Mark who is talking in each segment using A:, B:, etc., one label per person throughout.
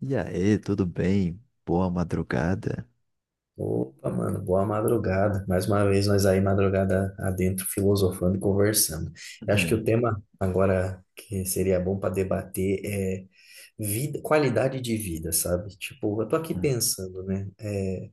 A: E aí, tudo bem? Boa madrugada?
B: Opa, mano, boa madrugada. Mais uma vez nós aí madrugada adentro filosofando e conversando. Eu acho que
A: É,
B: o tema agora que seria bom para debater é vida, qualidade de vida, sabe? Tipo, eu tô aqui
A: hum,
B: pensando, né? É,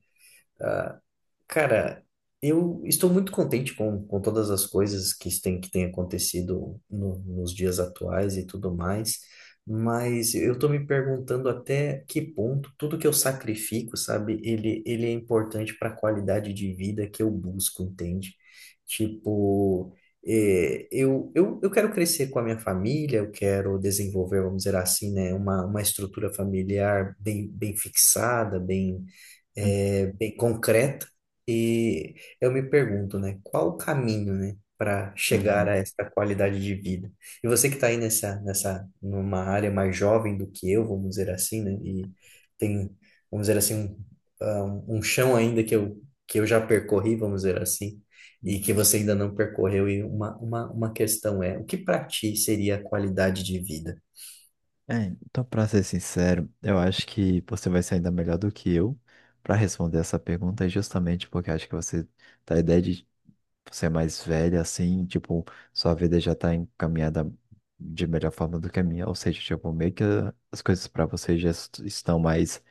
B: Cara, eu estou muito contente com todas as coisas que têm acontecido nos dias atuais e tudo mais, mas eu estou me perguntando até que ponto tudo que eu sacrifico, sabe, ele é importante para a qualidade de vida que eu busco, entende? Tipo, eu quero crescer com a minha família, eu quero desenvolver, vamos dizer assim, né, uma estrutura familiar bem fixada,
A: hum,
B: é bem concreta e eu me pergunto, né, qual o caminho, né, para chegar
A: uhum,
B: a essa qualidade de vida? E você que está aí numa área mais jovem do que eu, vamos dizer assim, né, e tem, vamos dizer assim, um, um chão ainda que eu já percorri, vamos dizer assim,
A: hum.
B: e que você ainda não percorreu, e uma questão é, o que para ti seria a qualidade de vida?
A: É, então, pra ser sincero, eu acho que você vai ser ainda melhor do que eu para responder essa pergunta, justamente porque eu acho que você tá a ideia de ser mais velha, assim, tipo, sua vida já tá encaminhada de melhor forma do que a minha, ou seja, tipo, meio que as coisas para você já estão mais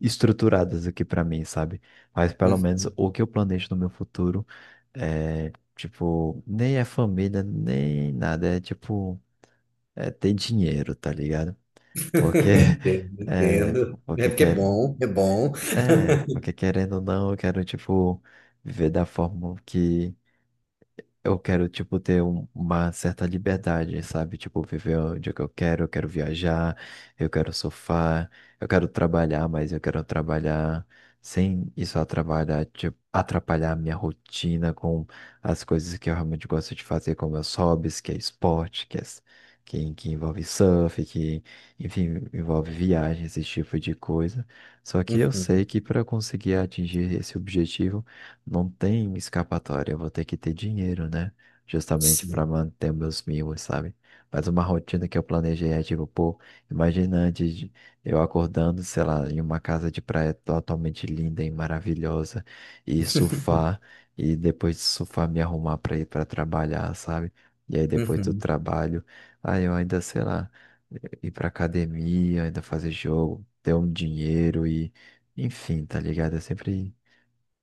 A: estruturadas do que para mim, sabe? Mas pelo menos
B: Uhum.
A: o que eu planejo no meu futuro. É, tipo, nem é família, nem nada. É tipo, é ter dinheiro, tá ligado? Porque,
B: Entendo,
A: é,
B: entendo. É
A: porque
B: porque é
A: quer,
B: bom, é bom.
A: é, porque querendo ou não, eu quero, tipo, viver da forma que eu quero, tipo, ter uma certa liberdade, sabe? Tipo, viver onde é que eu quero viajar, eu quero surfar, eu quero trabalhar, mas eu quero trabalhar sem isso atrapalhar, tipo, atrapalhar a minha rotina com as coisas que eu realmente gosto de fazer, como meus hobbies, que é esporte, que envolve surf, que, enfim, envolve viagens, esse tipo de coisa. Só que eu sei
B: Uhum.
A: que para conseguir atingir esse objetivo, não tem escapatória, eu vou ter que ter dinheiro, né? Justamente para
B: Sim.
A: manter meus mimos, sabe? Mas uma rotina que eu planejei é tipo, pô, imagina eu acordando, sei lá, em uma casa de praia totalmente linda e maravilhosa, e surfar, e depois de surfar me arrumar para ir para trabalhar, sabe? E aí depois do
B: Uhum,
A: trabalho, aí eu ainda, sei lá, ir pra academia, ainda fazer jogo, ter um dinheiro e, enfim, tá ligado? É sempre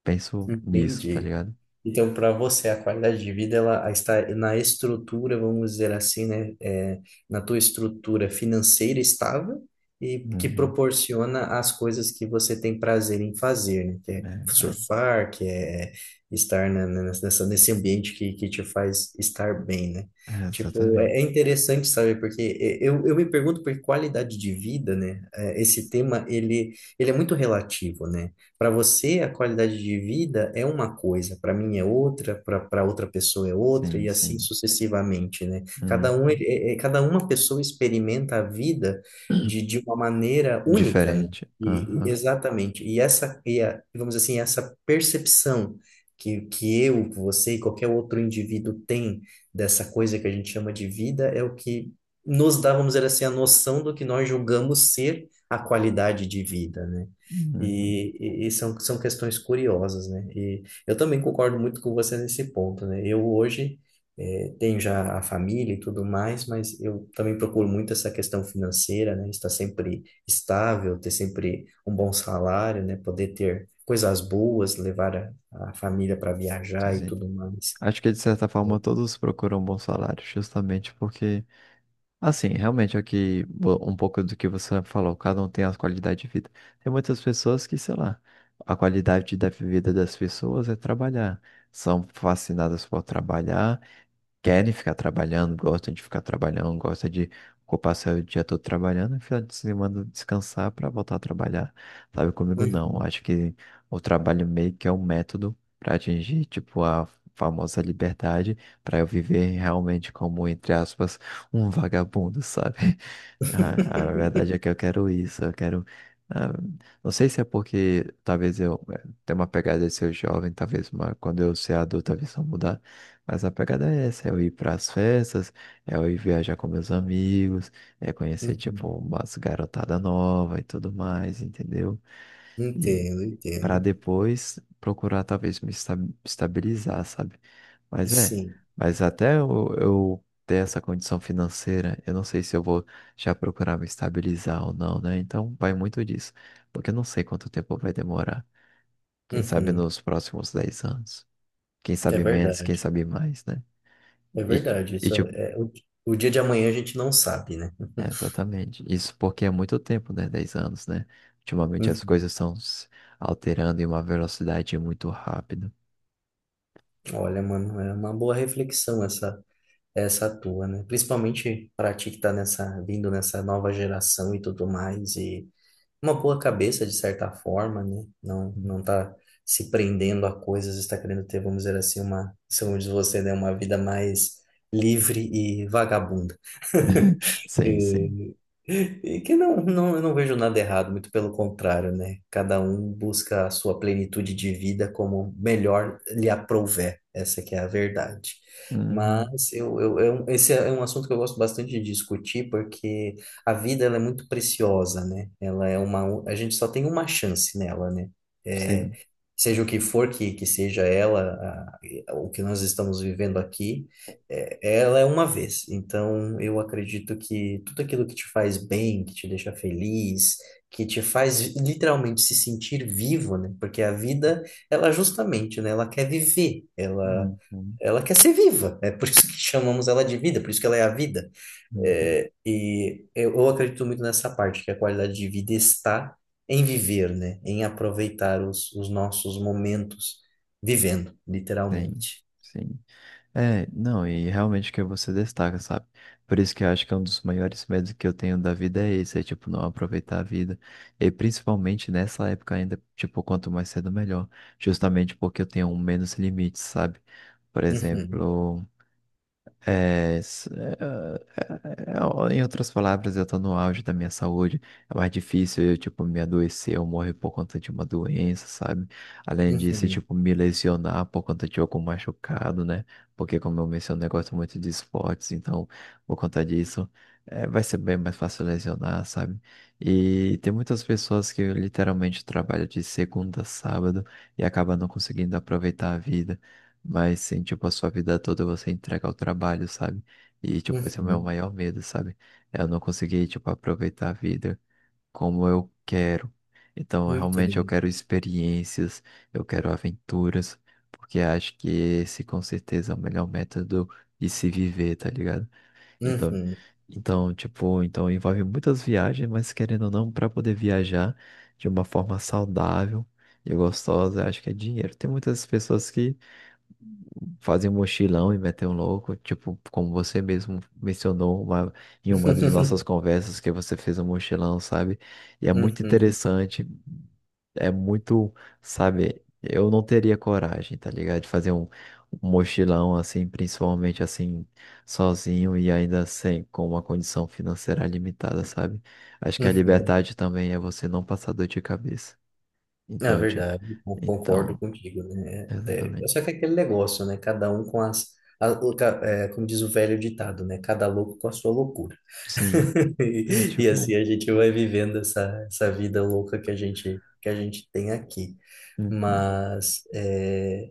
A: penso nisso, tá
B: entendi.
A: ligado?
B: Então, para você, a qualidade de vida ela está na estrutura, vamos dizer assim, né? É, na tua estrutura financeira estável e que
A: Uhum.
B: proporciona as coisas que você tem prazer em fazer, né? Que é
A: É,
B: surfar, que é estar nessa, nesse ambiente que te faz estar bem, né?
A: é, é,
B: Tipo, é
A: exatamente.
B: interessante, sabe? Porque eu me pergunto por qualidade de vida, né? É, esse tema, ele é muito relativo, né? Para você, a qualidade de vida é uma coisa, para mim é outra, para outra pessoa é outra,
A: Sim,
B: e assim
A: sim.
B: sucessivamente, né? Cada um,
A: Uhum.
B: cada uma pessoa experimenta a vida de uma maneira única, né?
A: Diferente. Aham.
B: Exatamente. E essa, vamos dizer assim, essa percepção que eu, você e qualquer outro indivíduo tem dessa coisa que a gente chama de vida é o que nos dá, vamos dizer assim, a noção do que nós julgamos ser a qualidade de vida, né?
A: Uhum.
B: E, e são, são questões curiosas, né? E eu também concordo muito com você nesse ponto, né? Eu hoje tenho já a família e tudo mais, mas eu também procuro muito essa questão financeira, né? Estar sempre estável, ter sempre um bom salário, né? Poder ter coisas boas, levar a família para
A: Sim,
B: viajar e
A: sim.
B: tudo mais.
A: Acho que, de certa forma, todos procuram um bom salário, justamente porque, assim, realmente é o que, um pouco do que você falou, cada um tem a qualidade de vida. Tem muitas pessoas que, sei lá, a qualidade da vida das pessoas é trabalhar. São fascinadas por trabalhar, querem ficar trabalhando, gostam de ficar trabalhando, gostam de ocupar seu dia todo trabalhando, e final de semana descansar para voltar a trabalhar. Sabe, comigo não.
B: Uhum.
A: Acho que o trabalho meio que é um método para atingir, tipo, a famosa liberdade, para eu viver realmente como, entre aspas, um vagabundo, sabe? A, a verdade é que eu quero isso, eu quero. Ah, não sei se é porque talvez eu tenha uma pegada de ser jovem, talvez uma, quando eu ser adulto a visão mudar. Mas a pegada é essa, é eu ir para as festas, é eu ir viajar com meus amigos, é conhecer,
B: Uhum.
A: tipo, umas garotada nova e tudo mais, entendeu? E
B: Entendo,
A: para
B: entendo.
A: depois procurar, talvez, me estabilizar, sabe? Mas é,
B: Sim.
A: mas até eu, ter essa condição financeira, eu não sei se eu vou já procurar me estabilizar ou não, né? Então vai muito disso, porque eu não sei quanto tempo vai demorar. Quem sabe
B: Uhum.
A: nos próximos 10 anos. Quem
B: É
A: sabe menos, quem
B: verdade.
A: sabe mais, né?
B: É
A: E, ti-
B: verdade,
A: e tipo,
B: o dia de amanhã a gente não sabe, né?
A: é, exatamente. Isso porque é muito tempo, né? 10 anos, né? Ultimamente as
B: Hum,
A: coisas estão se alterando em uma velocidade muito rápida.
B: olha, mano, é uma boa reflexão essa tua, né? Principalmente para ti que tá nessa vindo nessa nova geração e tudo mais e uma boa cabeça de certa forma, né?
A: Hum.
B: Não tá se prendendo a coisas, está querendo ter, vamos dizer assim, uma, segundo diz você, né, uma vida mais livre e vagabunda.
A: Sim, sim.
B: E que não, eu não vejo nada errado, muito pelo contrário, né? Cada um busca a sua plenitude de vida como melhor lhe aprouver, essa que é a verdade.
A: Uhum.
B: Mas esse é um assunto que eu gosto bastante de discutir, porque a vida ela é muito preciosa, né? Ela é uma, a gente só tem uma chance nela, né? É,
A: Sim.
B: seja o que for que seja ela, o que nós estamos vivendo aqui. É, ela é uma vez, então eu acredito que tudo aquilo que te faz bem, que te deixa feliz, que te faz literalmente se sentir vivo, né? Porque a vida, ela justamente, né? Ela quer viver, ela,
A: Uhum.
B: ela quer ser viva, é por isso que chamamos ela de vida, por isso que ela é a vida.
A: Uhum.
B: É, e eu acredito muito nessa parte, que a qualidade de vida está em viver, né? Em aproveitar os nossos momentos vivendo,
A: Sim,
B: literalmente.
A: sim. É, não, e realmente que você destaca, sabe? Por isso que eu acho que é um dos maiores medos que eu tenho da vida é esse, é tipo, não aproveitar a vida. E principalmente nessa época ainda, tipo, quanto mais cedo melhor. Justamente porque eu tenho um menos limites, sabe? Por
B: Uhum,
A: exemplo. É, s- é, é, é, em outras palavras, eu tô no auge da minha saúde. É mais difícil eu, tipo, me adoecer ou morrer por conta de uma doença, sabe? Além disso,
B: uhum.
A: tipo, me lesionar por conta de algum machucado, né? Porque, como eu mencionei, eu gosto muito de esportes, então, por conta disso, é, vai ser bem mais fácil lesionar, sabe? E tem muitas pessoas que literalmente trabalham de segunda a sábado e acabam não conseguindo aproveitar a vida. Mas sim, tipo, a sua vida toda você entrega ao trabalho, sabe? E, tipo, esse é o meu
B: Uhum,
A: maior medo, sabe? Eu não consegui, tipo, aproveitar a vida como eu quero. Então, realmente, eu
B: entendo.
A: quero experiências, eu quero aventuras, porque acho que esse, com certeza, é o melhor método de se viver, tá ligado? Então,
B: Uhum.
A: então, tipo, então envolve muitas viagens, mas querendo ou não, para poder viajar de uma forma saudável e gostosa, acho que é dinheiro. Tem muitas pessoas que fazer um mochilão e meter um louco, tipo, como você mesmo mencionou em uma das nossas conversas que você fez um mochilão, sabe? E é muito
B: Uhum,
A: interessante, é muito, sabe, eu não teria coragem, tá ligado? De fazer um mochilão assim, principalmente assim, sozinho e ainda sem, com uma condição financeira limitada, sabe? Acho que a
B: uhum.
A: liberdade também é você não passar dor de cabeça.
B: Na
A: Então, tipo,
B: verdade, eu concordo
A: então,
B: contigo, né? É,
A: exatamente.
B: só que é aquele negócio, né? Cada um com as, é, como diz o velho ditado, né? Cada louco com a sua loucura.
A: Sim, é
B: E, e
A: tipo
B: assim
A: isso.
B: a gente vai vivendo essa vida louca que a gente tem aqui.
A: Uhum.
B: Mas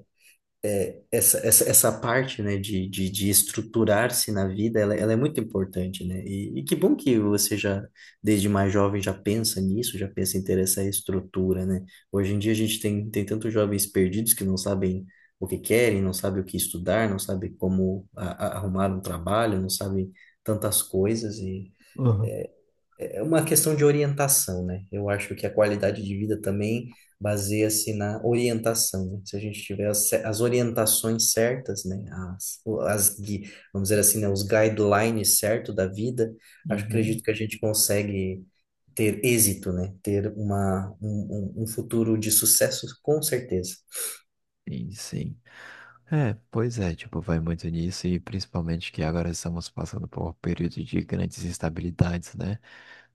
B: é, essa parte, né, de estruturar-se na vida, ela é muito importante, né? E que bom que você já, desde mais jovem, já pensa nisso, já pensa em ter essa estrutura, né? Hoje em dia a gente tem tantos jovens perdidos que não sabem o que querem, não sabem o que estudar, não sabem como arrumar um trabalho, não sabem tantas coisas e
A: Aham.
B: é, é uma questão de orientação, né? Eu acho que a qualidade de vida também baseia-se na orientação, né? Se a gente tiver as orientações certas, né? As, o- as, gui- Vamos dizer assim, né? Os guidelines certos da vida, acho,
A: Uhum.
B: acredito que a gente consegue ter êxito, né? Ter uma, um futuro de sucesso, com certeza.
A: Sim, sim. É, pois é, tipo, vai muito nisso e principalmente que agora estamos passando por um período de grandes instabilidades, né?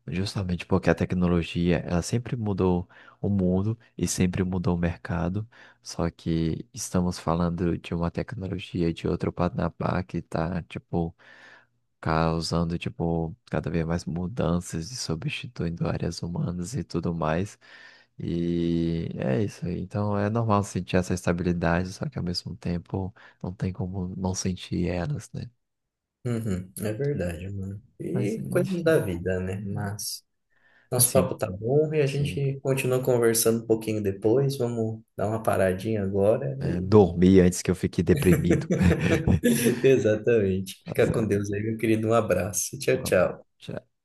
A: Justamente porque a tecnologia, ela sempre mudou o mundo e sempre mudou o mercado, só que estamos falando de uma tecnologia de outro patamar que tá, tipo, causando, tipo, cada vez mais mudanças e substituindo áreas humanas e tudo mais. E é isso aí. Então é normal sentir essa estabilidade, só que ao mesmo tempo não tem como não sentir elas, né?
B: Uhum, é verdade, mano.
A: Mas
B: E coisas da
A: enfim,
B: vida, né?
A: é,
B: Mas. Nosso
A: assim,
B: papo tá bom e a
A: sim.
B: gente continua conversando um pouquinho depois. Vamos dar uma paradinha agora.
A: Né? Dormir antes que eu fique deprimido.
B: Exatamente.
A: Tá
B: Fica com
A: certo.
B: Deus aí, meu querido. Um abraço.
A: Um
B: Tchau,
A: abraço.
B: tchau.
A: Tchau.